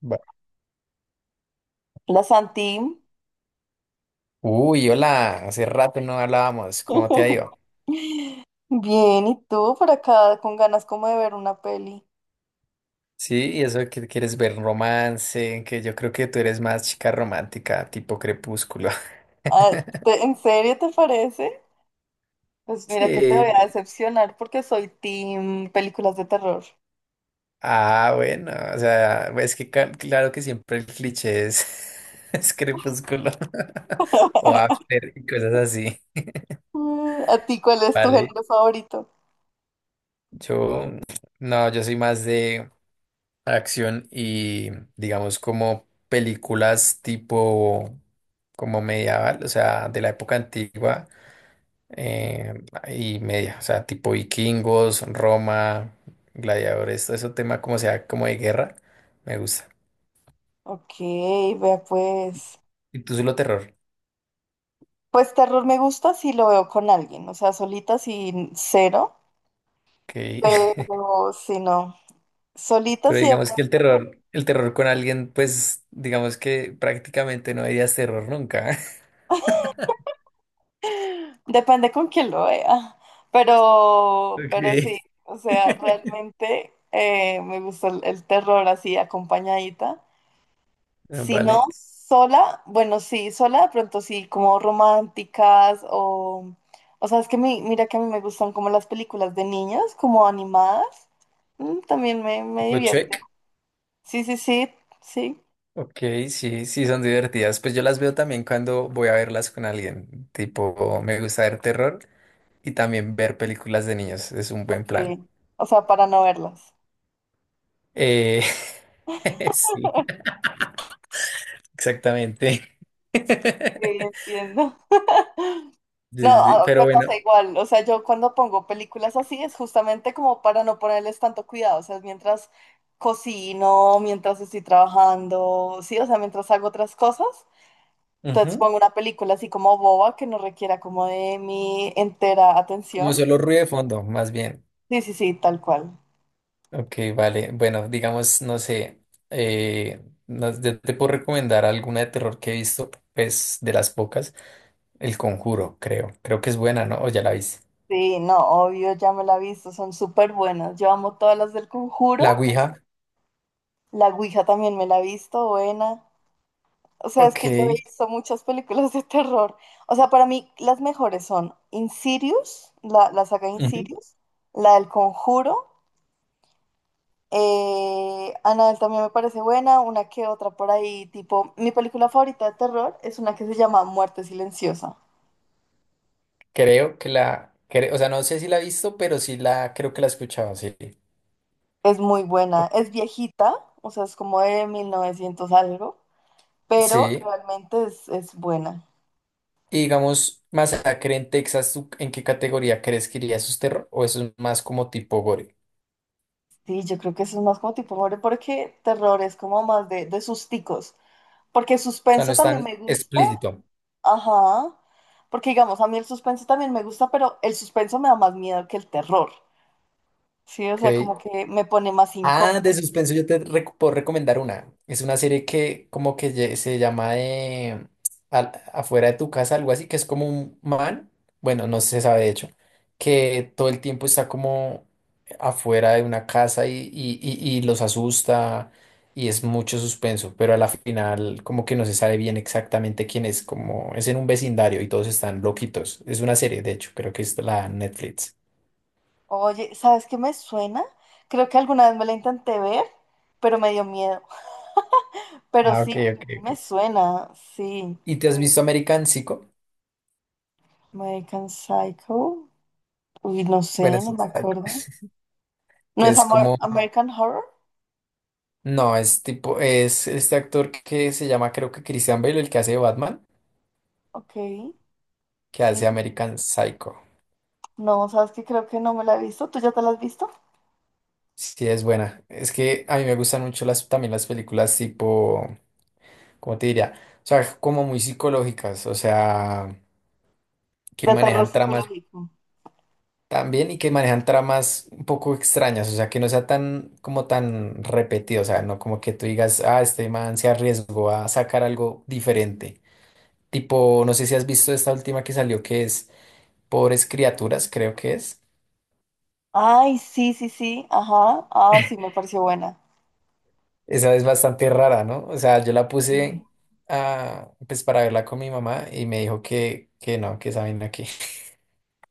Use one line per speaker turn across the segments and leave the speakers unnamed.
Va.
La Santim.
Uy, hola, hace rato no hablábamos, ¿cómo te ha ido?
Bien, ¿y tú por acá con ganas como de ver una peli?
Sí, y eso que quieres ver romance, que yo creo que tú eres más chica romántica, tipo crepúsculo.
Ah, ¿en serio te parece? Pues mira que te voy a
Sí.
decepcionar porque soy team películas de terror.
Ah, bueno, o sea, es que claro que siempre el cliché es, es crepúsculo o after y cosas así,
¿A ti cuál es tu
¿vale?
género favorito?
Yo, no, yo soy más acción y digamos como películas tipo como medieval, o sea, de la época antigua eh, y media, o sea, tipo vikingos, Roma, gladiadores, todo ese tema como sea, como de guerra, me gusta.
Ok, vea pues.
Y tú solo terror,
Pues terror me gusta si lo veo con alguien, o sea, solita sin cero,
ok.
pero si no, solita
Pero
sí.
digamos que el terror con alguien, pues digamos que prácticamente no dirías terror nunca.
Depende con quién lo vea, pero
Ok.
sí, o sea, realmente me gusta el terror así acompañadita. Si no
Vale.
sola, bueno, sí, sola de pronto sí, como románticas o sea, es que mira que a mí me gustan como las películas de niños, como animadas. También me divierte.
Gochuek.
Sí, sí, sí, sí,
Ok, sí, sí, son divertidas. Pues yo las veo también cuando voy a verlas con alguien. Tipo, me gusta ver terror y también ver películas de niños. Es un buen plan.
ok. O sea, para no verlas.
Eh, sí, exactamente.
Sí, entiendo. No,
Sí, sí, sí, pero
me
bueno,
pasa igual. O sea, yo cuando pongo películas así es justamente como para no ponerles tanto cuidado. O sea, mientras cocino, mientras estoy trabajando, sí, o sea, mientras hago otras cosas. Entonces
ujú,
pongo una película así como boba que no requiera como de mi entera
como
atención.
solo ruido de fondo, más bien.
Sí, sí, sí, tal cual.
Ok, vale. Bueno, digamos, no sé, eh, yo te puedo recomendar alguna de terror que he visto, pues de las pocas, El Conjuro, creo. Creo que es buena, ¿no? O ya la viste.
Sí, no, obvio, ya me la he visto, son súper buenas. Yo amo todas las del
La
Conjuro.
Ouija.
La Ouija también me la he visto, buena. O sea, es que yo he
Ok.
visto muchas películas de terror. O sea, para mí las mejores son Insidious, la saga
Ujú.
Insidious, la del Conjuro. Annabelle también me parece buena, una que otra por ahí, tipo, mi película favorita de terror es una que se llama Muerte Silenciosa.
Creo que la, cre- O sea, no sé si la he visto, pero sí la, creo que la he escuchado, sí.
Es muy buena,
Ok.
es viejita, o sea, es como de 1900 algo, pero
Sí.
realmente es, buena.
Y digamos, Masacre en Texas, ¿tú en qué categoría crees que iría? ¿Eso es terror o eso es más como tipo gore?
Sí, yo creo que eso es más como tipo horror, porque terror es como más de susticos. Porque
O sea, no
suspenso
es
también
tan
me gusta.
explícito.
Ajá. Porque digamos, a mí el suspenso también me gusta, pero el suspenso me da más miedo que el terror. Sí, o sea,
Ok.
como que me pone más incómodo.
Ah, de suspenso yo te puedo recomendar una. Es una serie que como que se llama afuera de tu casa, algo así, que es como un man, bueno, no se sabe de hecho, que todo el tiempo está como afuera de una casa y los asusta y es mucho suspenso, pero a la final como que no se sabe bien exactamente quién es, como es en un vecindario y todos están loquitos. Es una serie, de hecho, creo que es la Netflix.
Oye, ¿sabes qué me suena? Creo que alguna vez me la intenté ver, pero me dio miedo. Pero
Ah, ok,
sí,
ok,
creo que me
ok.
suena. Sí.
¿Y te has visto American Psycho?
American Psycho. Uy, no
Bueno,
sé, no
sí,
me
total,
acuerdo. ¿No
que
es
es como,
American Horror?
no, es tipo, es este actor que se llama, creo que Christian Bale, el que hace de Batman,
Ok.
que hace
Sí.
American Psycho.
No, ¿sabes qué? Creo que no me la he visto. ¿Tú ya te la has visto?
Sí, es buena. Es que a mí me gustan mucho las, también las películas tipo, ¿cómo te diría? O sea, como muy psicológicas, o sea, que
De terror
manejan tramas
psicológico.
también y que manejan tramas un poco extrañas, o sea, que no sea tan, como tan repetido, o sea, no como que tú digas, ah, este man se arriesgó a sacar algo diferente. Tipo, no sé si has visto esta última que salió que es Pobres Criaturas, creo que es.
Ay, sí, sí, sí, ajá. Ah, sí, me pareció buena.
Esa es bastante rara, ¿no? O sea, yo la
Sí.
puse ah, pues para verla con mi mamá y me dijo que no, que esa vaina que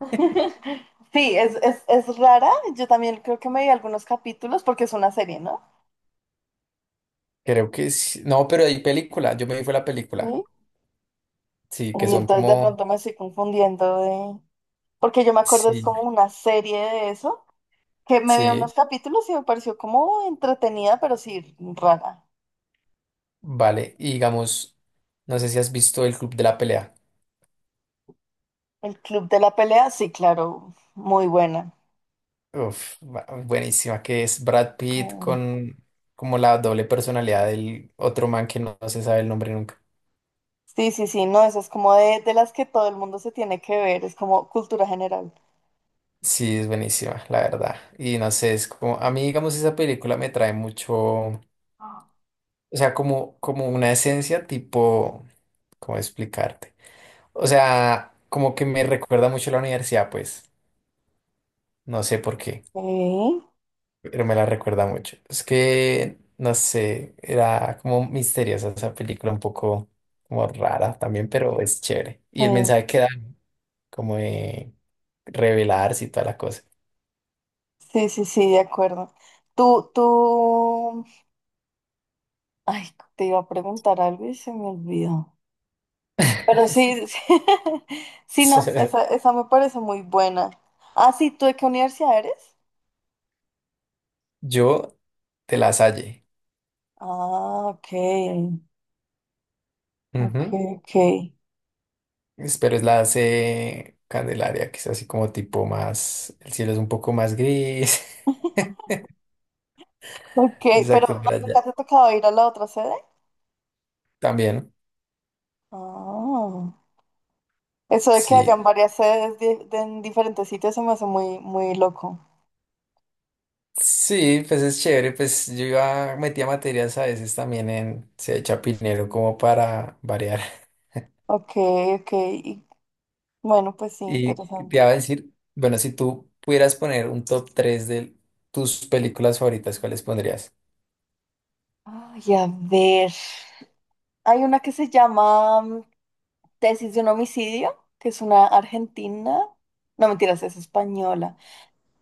Sí, es rara. Yo también creo que me vi algunos capítulos porque es una serie, ¿no?
creo que sí. No, pero hay película, yo me vi fue la película.
Sí.
Sí, que
Y
son
entonces de
como
pronto me estoy confundiendo de... Porque yo me acuerdo es
sí,
como una serie de eso, que me vi
sí,
unos capítulos y me pareció como entretenida, pero sí rara.
vale. Y digamos, no sé si has visto El Club de la Pelea.
El Club de la Pelea, sí, claro, muy buena.
Uf, buenísima, que es Brad Pitt
Mm.
con como la doble personalidad del otro man que no se sabe el nombre nunca.
Sí, sí, sí, no, eso es como de, las que todo el mundo se tiene que ver, es como cultura general.
Sí, es buenísima, la verdad. Y no sé, es como, a mí, digamos, esa película me trae mucho, o sea, como, como una esencia tipo, ¿cómo explicarte? O sea, como que me recuerda mucho a la universidad, pues, no sé por qué,
Ok.
pero me la recuerda mucho. Es que, no sé, era como misteriosa esa película, un poco como rara también, pero es chévere. Y
Sí,
el mensaje que da, como de revelarse y toda la cosa.
sí, sí, sí, de acuerdo. Tú, ay, te iba a preguntar algo y se me olvidó. Pero sí, sí, sí, no, esa me parece muy buena. Ah, sí, ¿tú de qué universidad eres?
Yo, de la Salle.
Ah, ok, ok,
Ujú.
ok.
Pero es la C Candelaria, que es así como tipo más, el cielo es un poco más gris.
Ok, pero
Exacto,
¿no-
por allá.
¿nunca te ha tocado ir a la otra sede?
También,
Ah, eso de que
sí.
hayan varias sedes en diferentes sitios se me hace muy, muy loco.
Sí, pues es chévere, pues yo iba, metía materias a veces también en C de Chapinero como para variar.
Ok, ok, y bueno, pues sí,
Y te
interesante.
iba a decir, bueno, si tú pudieras poner un top 3 de tus películas favoritas, ¿cuáles pondrías?
Ay, a ver. Hay una que se llama Tesis de un homicidio, que es una argentina. No, mentiras, es española.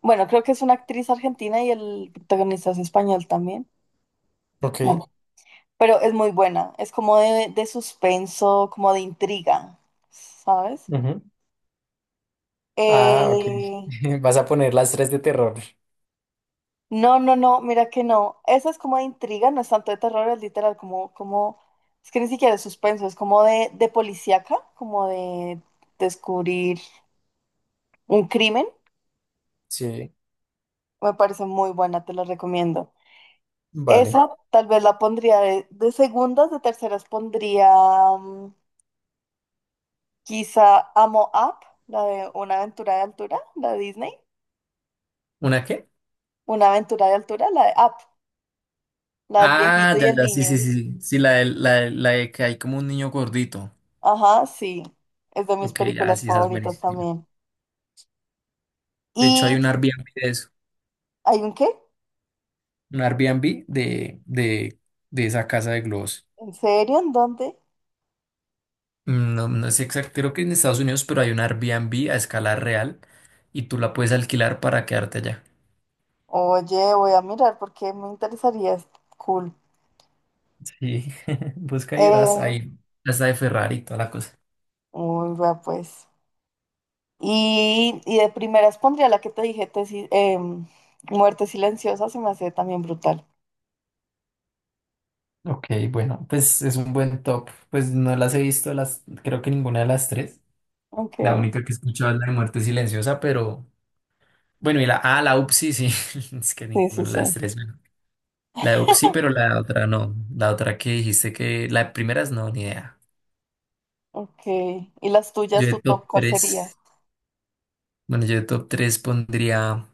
Bueno, creo que es una actriz argentina y el protagonista es español también.
Ok.
Bueno, pero es muy buena. Es como de, suspenso, como de intriga, ¿sabes?
Ujú. Ah, ok.
Eh,
Vas a poner las tres de terror.
No, no, no, mira que no. Esa es como de intriga, no es tanto de terror, es literal, como, es que ni siquiera es suspenso, es como de, policíaca, como de descubrir un crimen.
Sí,
Me parece muy buena, te la recomiendo.
vale.
Esa tal vez la pondría de segundas, de terceras pondría mm, quizá Amo Up, la de Una aventura de altura, la de Disney.
¿Una qué?
Una aventura de altura, la de Up, la del viejito
Ah,
y
ya,
el
ya, sí,
niño.
sí, sí, sí, sí, la de que hay como un niño gordito.
Ajá, sí, es de mis
Ok, ya,
películas
sí, esa es
favoritas
buenísima.
también.
De hecho, hay
¿Y
un Airbnb de eso,
hay un qué?
un Airbnb de esa casa de globos.
¿En serio? ¿En dónde?
Mm, no, no sé exacto, creo que en Estados Unidos, pero hay un Airbnb a escala real y tú la puedes alquilar para quedarte allá.
Oye, voy a mirar porque me interesaría. Es cool.
Sí, busca y verás
Eh,
ahí, hasta de Ferrari y toda la cosa.
uy, va pues. Y de primeras pondría la que te dije, tesis, Muerte Silenciosa, se me hace también brutal.
Ok, bueno, pues es un buen top. Pues no las he visto, las, creo que ninguna de las tres.
Ok,
La única que he escuchado es la de Muerte Silenciosa, pero... Bueno, y la A, la UPSI, sí. Es que
sí,
ninguna
sí,
de
sí.
las tres. Bueno. La UPSI, pero la otra no. La otra que dijiste que. La de primeras no, ni idea.
Ok. ¿Y las
Yo
tuyas,
de
tu
top
top, cuál sería?
tres Bueno, yo de top 3 pondría.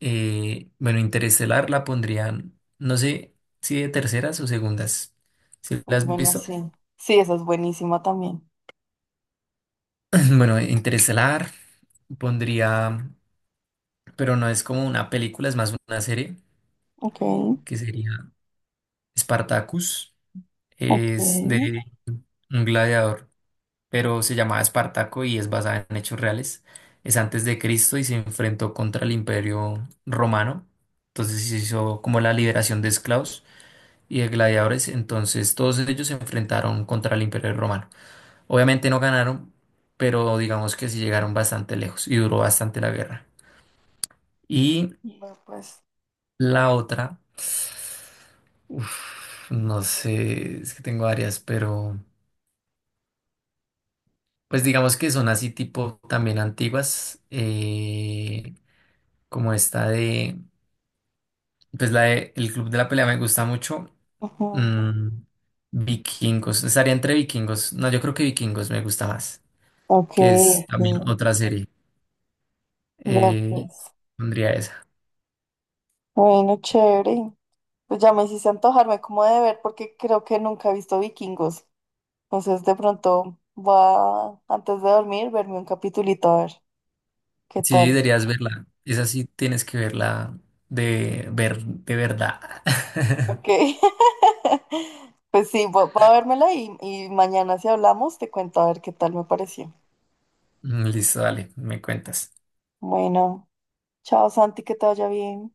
Bueno, Interestelar la pondrían. No sé si de terceras o segundas. ¿Si la
Muy
has
buena,
visto?
sí. Sí, esa es buenísima también.
Bueno, Interestelar pondría. Pero no es como una película, es más una serie.
Ok,
Que sería Spartacus.
ok.
Es de un gladiador. Pero se llamaba Espartaco y es basada en hechos reales. Es antes de Cristo y se enfrentó contra el Imperio Romano. Entonces se hizo como la liberación de esclavos y de gladiadores. Entonces todos ellos se enfrentaron contra el Imperio Romano. Obviamente no ganaron, pero digamos que sí llegaron bastante lejos y duró bastante la guerra. Y
Va pues.
la otra, uf, no sé, es que tengo varias, pero pues digamos que son así tipo también antiguas. Como esta de, pues la de El Club de la Pelea me gusta mucho.
Ujú.
Mm, Vikingos, estaría entre Vikingos. No, yo creo que Vikingos me gusta más,
Ok,
que es también
ok.
otra serie.
Va,
Eh,
pues.
Pondría esa.
Bueno, chévere. Pues ya me hiciste antojarme como de ver porque creo que nunca he visto Vikingos. Entonces de pronto voy a, antes de dormir, verme un capitulito a ver qué
Sí,
tal.
deberías verla. Esa sí tienes que verla de ver de verdad.
Ok. Pues sí, voy a vérmela y mañana si hablamos te cuento a ver qué tal me pareció.
Listo, dale, me cuentas.
Bueno, chao Santi, que te vaya bien.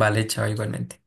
Vale, chao, igualmente.